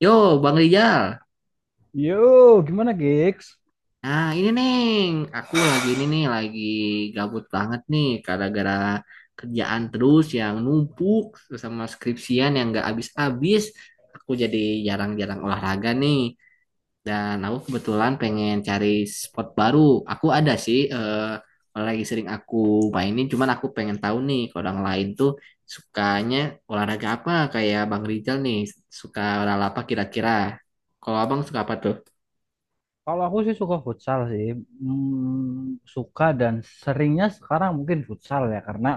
Yo, Bang Rijal. Yo, gimana gigs? Nah, ini Neng, aku lagi ini nih, lagi gabut banget nih, gara-gara kerjaan terus yang numpuk terus sama skripsian yang gak habis-habis. Aku jadi jarang-jarang olahraga nih, dan aku kebetulan pengen cari spot baru. Aku ada sih, lagi sering aku mainin, cuman aku pengen tahu nih, kalau orang lain tuh sukanya olahraga apa, kayak Bang Rijal nih, suka olahraga apa kira-kira. Kalau abang suka apa Kalau aku sih suka futsal sih. Suka dan seringnya sekarang mungkin futsal, ya karena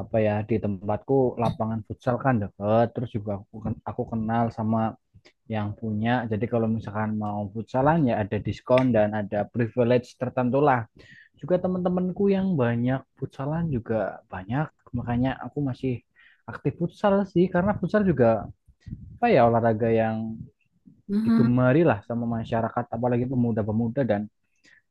apa ya di tempatku lapangan futsal kan deket. Terus juga aku kenal sama yang punya. Jadi kalau misalkan mau futsalan ya ada diskon dan ada privilege tertentu lah. Juga teman-temanku yang banyak futsalan juga banyak, makanya aku masih aktif futsal sih karena futsal juga apa ya olahraga yang tuh? digemari lah sama masyarakat, apalagi pemuda-pemuda, dan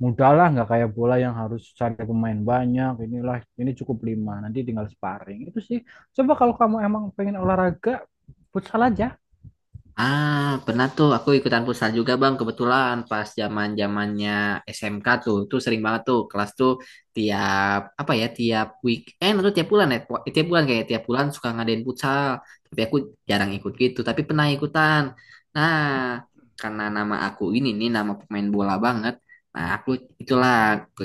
mudah lah, nggak kayak bola yang harus cari pemain banyak, inilah ini cukup lima nanti tinggal sparring itu sih. Coba kalau kamu emang pengen olahraga, futsal aja. Ah, pernah tuh aku ikutan futsal juga Bang, kebetulan pas zaman-zamannya SMK tuh, tuh sering banget tuh kelas tuh tiap apa ya, tiap weekend atau tiap bulan ya, tiap bulan kayak tiap bulan suka ngadain futsal. Tapi aku jarang ikut gitu, tapi pernah ikutan. Nah, karena nama aku ini nih nama pemain bola banget. Nah, aku itulah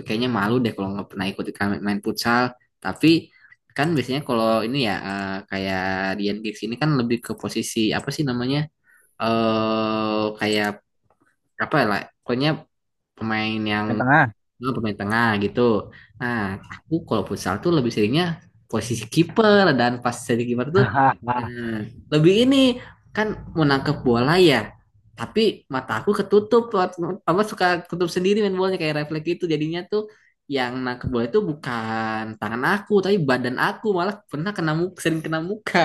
kayaknya malu deh kalau nggak pernah ikut ikut main futsal. Tapi kan biasanya kalau ini ya kayak Dian Gigs ini kan lebih ke posisi apa sih namanya? Kayak apa lah pokoknya pemain yang Main tengah. Pemain tengah gitu. Nah, aku kalau futsal tuh lebih seringnya posisi kiper dan pas jadi kiper tuh Hahaha. eh, lebih ini kan mau nangkep bola ya. Tapi mata aku ketutup apa suka ketutup sendiri main bolanya kayak refleks itu jadinya tuh yang nangkep bola itu bukan tangan aku tapi badan aku malah pernah kena muka, sering kena muka.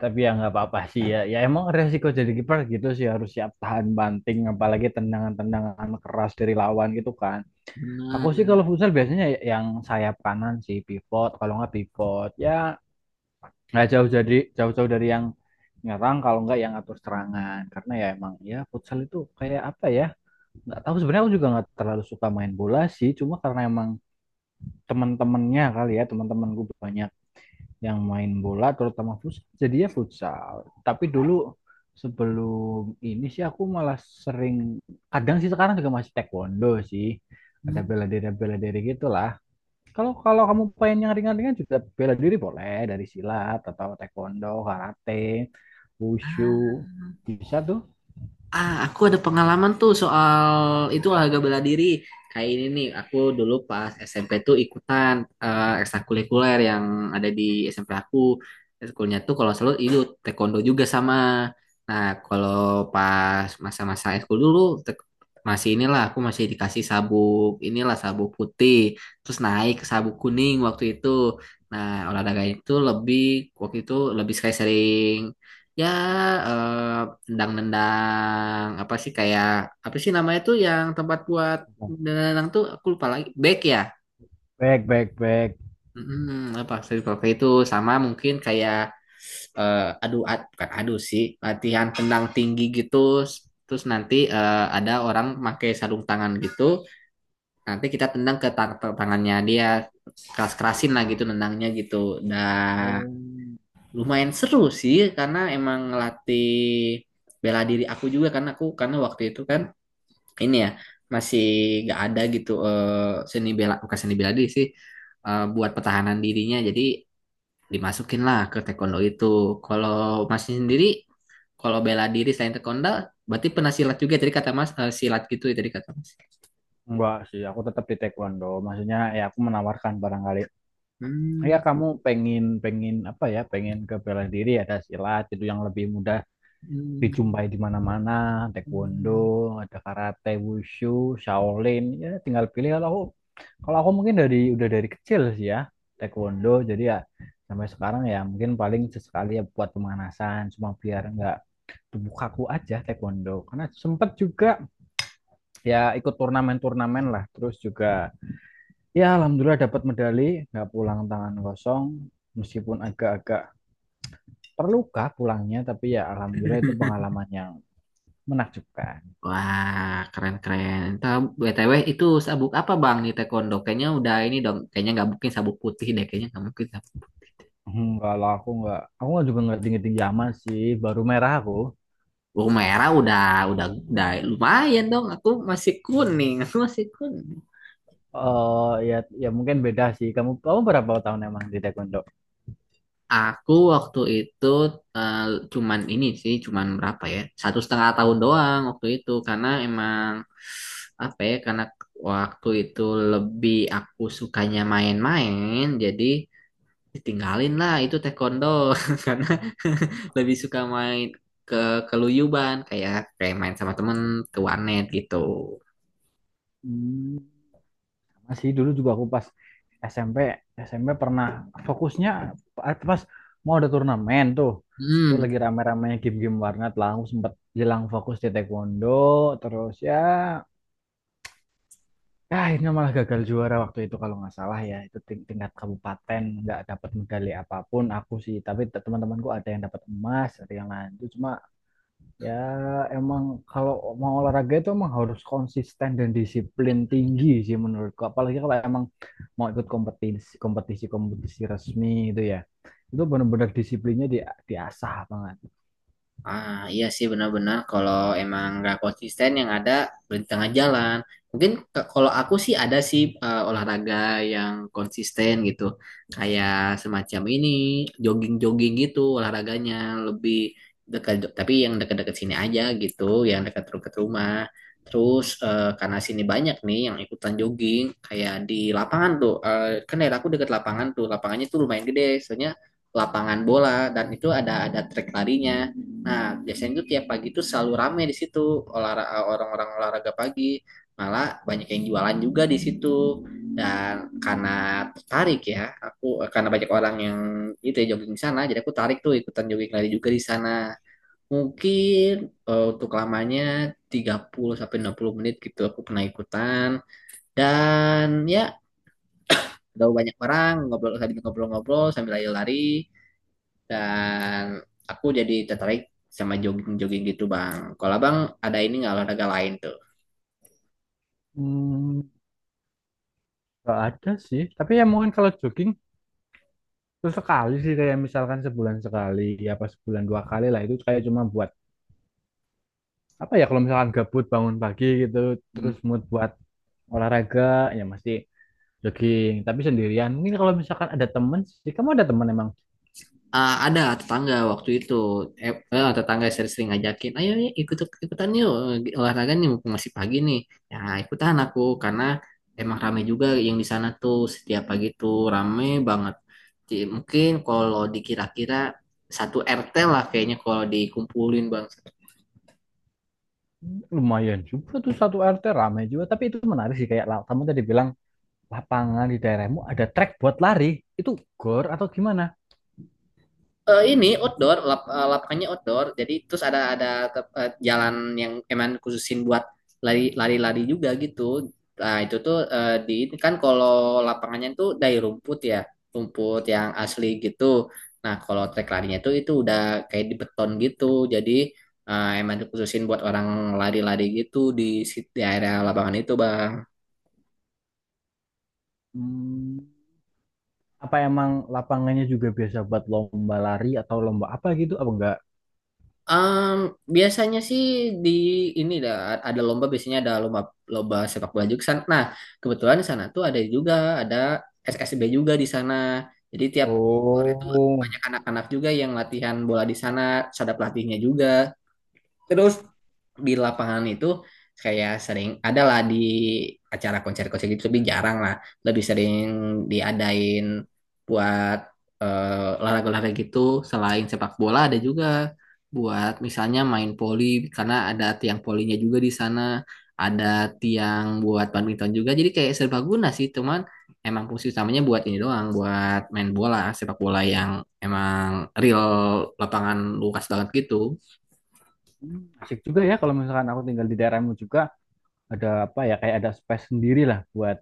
Tapi ya nggak apa-apa sih, ya ya emang resiko jadi kiper gitu sih, harus siap tahan banting apalagi tendangan-tendangan keras dari lawan gitu kan. Aku Benar. sih kalau futsal biasanya yang sayap kanan sih, pivot. Kalau nggak pivot ya nggak jauh, jadi jauh-jauh dari yang nyerang, kalau nggak yang atur serangan, karena ya emang ya futsal itu kayak apa ya. Nggak tahu sebenarnya, aku juga nggak terlalu suka main bola sih, cuma karena emang teman-temannya kali ya, teman teman gue banyak yang main bola terutama futsal, jadi ya futsal. Tapi dulu sebelum ini sih aku malah sering, kadang sih sekarang juga masih taekwondo sih, ada Hmm. Bela diri gitulah. Kalau kalau kamu pengen yang ringan-ringan juga bela diri boleh, dari silat atau taekwondo, karate, wushu. Bisa tuh. Ah, aku ada pengalaman tuh soal itu olahraga bela diri. Kayak ini nih, aku dulu pas SMP tuh ikutan ekstrakurikuler yang ada di SMP aku. Ekskulnya tuh kalau selalu itu taekwondo juga sama. Nah, kalau pas masa-masa ekskul dulu te- masih inilah aku masih dikasih sabuk inilah sabuk putih, terus naik ke sabuk kuning waktu itu. Nah, olahraga itu lebih waktu itu lebih kayak sering ya eh, nendang-nendang apa sih kayak apa sih namanya tuh yang tempat buat nendang tuh aku lupa lagi back ya Baik, baik, baik. Apa circle kayak itu sama mungkin kayak adu ad, bukan adu sih latihan tendang tinggi gitu terus nanti ada orang pakai sarung tangan gitu nanti kita tendang ke tangannya dia keras-kerasin lah gitu nendangnya gitu nah Oh, lumayan seru sih karena emang ngelatih bela diri aku juga karena aku karena waktu itu kan ini ya masih gak ada gitu seni bela bukan seni bela diri sih buat pertahanan dirinya jadi dimasukin lah ke taekwondo itu kalau masih sendiri kalau bela diri selain taekwondo berarti pernah silat juga tadi kata mas eh, silat gitu ya tadi kata mas. enggak sih, aku tetap di taekwondo. Maksudnya ya aku menawarkan barangkali. Ya Hmm. kamu pengen pengen apa ya? Pengen ke bela diri, ada silat itu yang lebih mudah Hmm. dijumpai di mana-mana. Taekwondo, ada karate, wushu, Shaolin. Ya tinggal pilih. Kalau aku mungkin dari udah dari kecil sih ya taekwondo, jadi ya sampai sekarang ya mungkin paling sesekali ya buat pemanasan, cuma biar nggak tubuh kaku aja, taekwondo karena sempet juga ya ikut turnamen-turnamen lah, terus juga ya alhamdulillah dapat medali, nggak pulang tangan kosong, meskipun agak-agak terluka pulangnya, tapi ya alhamdulillah itu pengalaman yang menakjubkan. Wah, keren-keren. Entah, BTW itu sabuk apa Bang di taekwondo? Kayaknya udah ini dong, kayaknya nggak mungkin sabuk putih deh, kayaknya nggak mungkin. Sabuk Kalau aku nggak, aku juga nggak tinggi-tinggi amat sih, baru merah aku. oh, merah udah, udah lumayan dong. Aku masih kuning, aku masih kuning. Oh ya, ya mungkin beda sih. Kamu kamu berapa tahun emang di taekwondo? Aku waktu itu eh, cuman ini sih, cuman berapa ya? 1,5 tahun doang waktu itu, karena emang apa ya? Karena waktu itu lebih aku sukanya main-main, jadi tinggalin lah itu taekwondo karena lebih suka main ke keluyuban kayak kayak main sama temen ke warnet gitu. Hmm, Masih dulu juga aku pas SMP, SMP pernah fokusnya pas mau ada turnamen tuh. Tuh Hmm. lagi rame-ramenya game-game warnet lah. Aku sempat jelang fokus di taekwondo, terus ya ya akhirnya malah gagal juara waktu itu kalau nggak salah, ya itu tingkat kabupaten, nggak dapat medali apapun aku sih, tapi teman-temanku ada yang dapat emas, ada yang lanjut, cuma ya, emang kalau mau olahraga itu emang harus konsisten dan disiplin tinggi sih menurutku. Apalagi kalau emang mau ikut kompetisi-kompetisi resmi itu ya. Itu benar-benar disiplinnya diasah banget. Ah, iya sih benar-benar kalau emang nggak konsisten yang ada berhenti tengah jalan. Mungkin kalau aku sih ada sih olahraga yang konsisten gitu. Kayak semacam ini, jogging-jogging gitu olahraganya lebih dekat tapi yang dekat-dekat sini aja gitu, yang dekat dekat rumah. Terus karena sini banyak nih yang ikutan jogging kayak di lapangan tuh. Eh, kan daerah aku dekat lapangan tuh. Lapangannya tuh lumayan gede, soalnya lapangan bola dan itu ada trek larinya. Nah, biasanya itu tiap pagi tuh selalu rame di situ olahraga orang-orang olahraga pagi. Malah banyak yang jualan juga di situ. Dan karena tertarik ya, aku karena banyak orang yang itu ya jogging di sana, jadi aku tarik tuh ikutan jogging lari juga di sana. Mungkin untuk lamanya 30 sampai 60 menit gitu aku pernah ikutan. Dan ya, udah banyak orang ngobrol sambil ngobrol-ngobrol sambil lari-lari dan aku jadi tertarik sama jogging-jogging gitu bang. Kalau abang ada ini nggak olahraga lain tuh? Hmm, gak ada sih. Tapi ya mungkin kalau jogging itu sekali sih, kayak misalkan sebulan sekali, ya apa sebulan dua kali lah, itu kayak cuma buat apa ya, kalau misalkan gabut bangun pagi gitu, terus Hmm. mood buat olahraga, ya mesti jogging, tapi sendirian. Mungkin kalau misalkan ada temen sih, kamu ada temen emang Ah, ada tetangga waktu itu tetangga sering-sering ngajakin ayo ya ikut ikutan yuk olahraga nih mumpung masih pagi nih ya ikutan aku karena emang rame juga yang di sana tuh setiap pagi tuh rame banget. Jadi, mungkin kalau dikira-kira satu RT lah kayaknya kalau dikumpulin bang. lumayan juga tuh, satu RT ramai juga, tapi itu menarik sih, kayak kamu tadi bilang lapangan di daerahmu ada track buat lari, itu gor atau gimana? Eh, ini outdoor, lapangannya outdoor. Jadi terus ada jalan yang emang khususin buat lari lari-lari juga gitu. Nah, itu tuh di ini kan kalau lapangannya tuh dari rumput ya, rumput yang asli gitu. Nah, kalau trek larinya tuh itu udah kayak di beton gitu. Jadi emang dikhususin buat orang lari-lari gitu di area lapangan itu, Bang. Hmm, Apa emang lapangannya juga biasa buat lomba lari atau lomba apa gitu apa enggak? Em, Biasanya sih di ini dah ada lomba biasanya ada lomba lomba sepak bola juga di sana. Nah, kebetulan di sana tuh ada juga ada SSB juga di sana. Jadi tiap sore itu Oh. banyak anak-anak juga yang latihan bola di sana, terus ada pelatihnya juga. Terus di lapangan itu kayak sering adalah di acara konser-konser gitu tapi jarang lah. Lebih sering diadain buat olahraga-olahraga gitu selain sepak bola ada juga buat misalnya main poli karena ada tiang polinya juga di sana, ada tiang buat badminton juga. Jadi kayak serbaguna sih, cuman emang fungsi utamanya buat ini doang, buat main bola, sepak bola yang emang real lapangan luas banget gitu. Asik juga ya kalau misalkan aku tinggal di daerahmu juga, ada apa ya, kayak ada space sendiri lah buat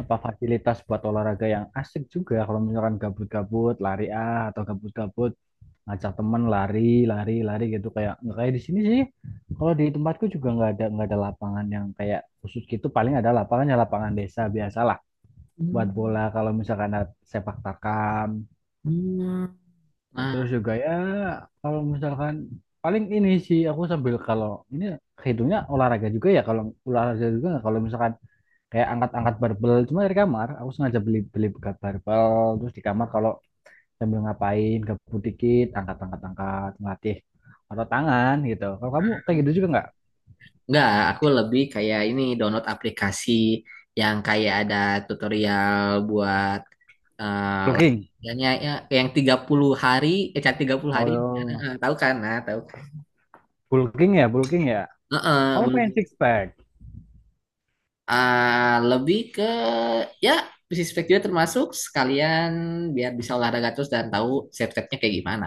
apa fasilitas buat olahraga, yang asik juga kalau misalkan gabut-gabut lari ah, atau gabut-gabut ngajak temen lari lari lari gitu, kayak nggak kayak di sini sih. Kalau di tempatku juga nggak ada, nggak ada lapangan yang kayak khusus gitu, paling ada lapangannya lapangan desa biasalah buat Hmm. bola kalau misalkan ada sepak takam, Hmm. terus Nah, juga ya kalau misalkan paling ini sih aku, sambil kalau ini hitungnya olahraga juga ya, kalau olahraga juga nggak, kalau misalkan kayak angkat-angkat barbel, cuma dari kamar aku sengaja beli beli bekas barbel terus di kamar, kalau sambil ngapain gabut dikit angkat-angkat angkat ngelatih atau tangan gitu. Kalau kamu kayak gitu juga nggak? enggak, aku lebih kayak ini download aplikasi yang kayak ada tutorial buat Bulking. kayaknya ya, yang 30 hari, eh cara tiga puluh Oh hari iya. Tahu kan? Nah, tahu kan? Bulking ya, bulking ya, Heeh, kamu pengen belum. six pack? Ah, lebih ke ya fisik juga termasuk sekalian biar bisa olahraga terus dan tahu step-stepnya kayak gimana.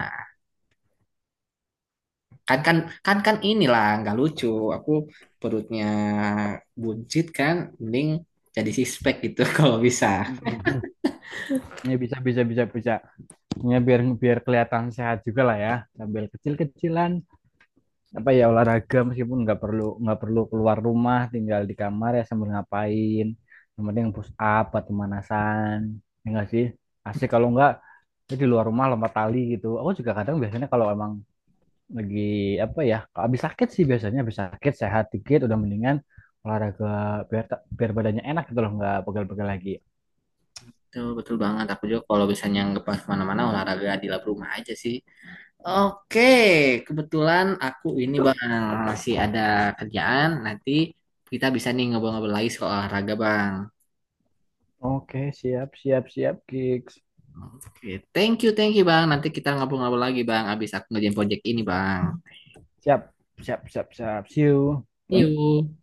Kan kan kan kan inilah nggak lucu aku perutnya buncit kan mending jadi sixpack gitu kalau bisa. Mhm. Ya bisa bisa bisa bisa, ya biar biar kelihatan sehat juga lah ya, sambil kecil-kecilan apa ya olahraga, meskipun nggak perlu keluar rumah, tinggal di kamar ya sambil ngapain, yang penting push up buat pemanasan, ya nggak sih asik, kalau nggak ya di luar rumah, lompat tali gitu. Aku juga kadang biasanya kalau emang lagi apa ya, kalau habis sakit sih biasanya, habis sakit sehat dikit udah mendingan, olahraga biar biar badannya enak gitu loh, nggak pegal-pegal lagi. Betul, betul banget. Aku juga kalau misalnya nggak pas kemana-mana olahraga di lab rumah aja sih. Oke, kebetulan aku ini bang masih ada kerjaan. Nanti kita bisa nih ngobrol-ngobrol lagi soal olahraga bang. Oke, siap siap siap gigs. Oke, thank you bang. Nanti kita ngobrol-ngobrol lagi bang. Abis aku ngerjain project ini bang. Siap siap siap siap, see See you. you.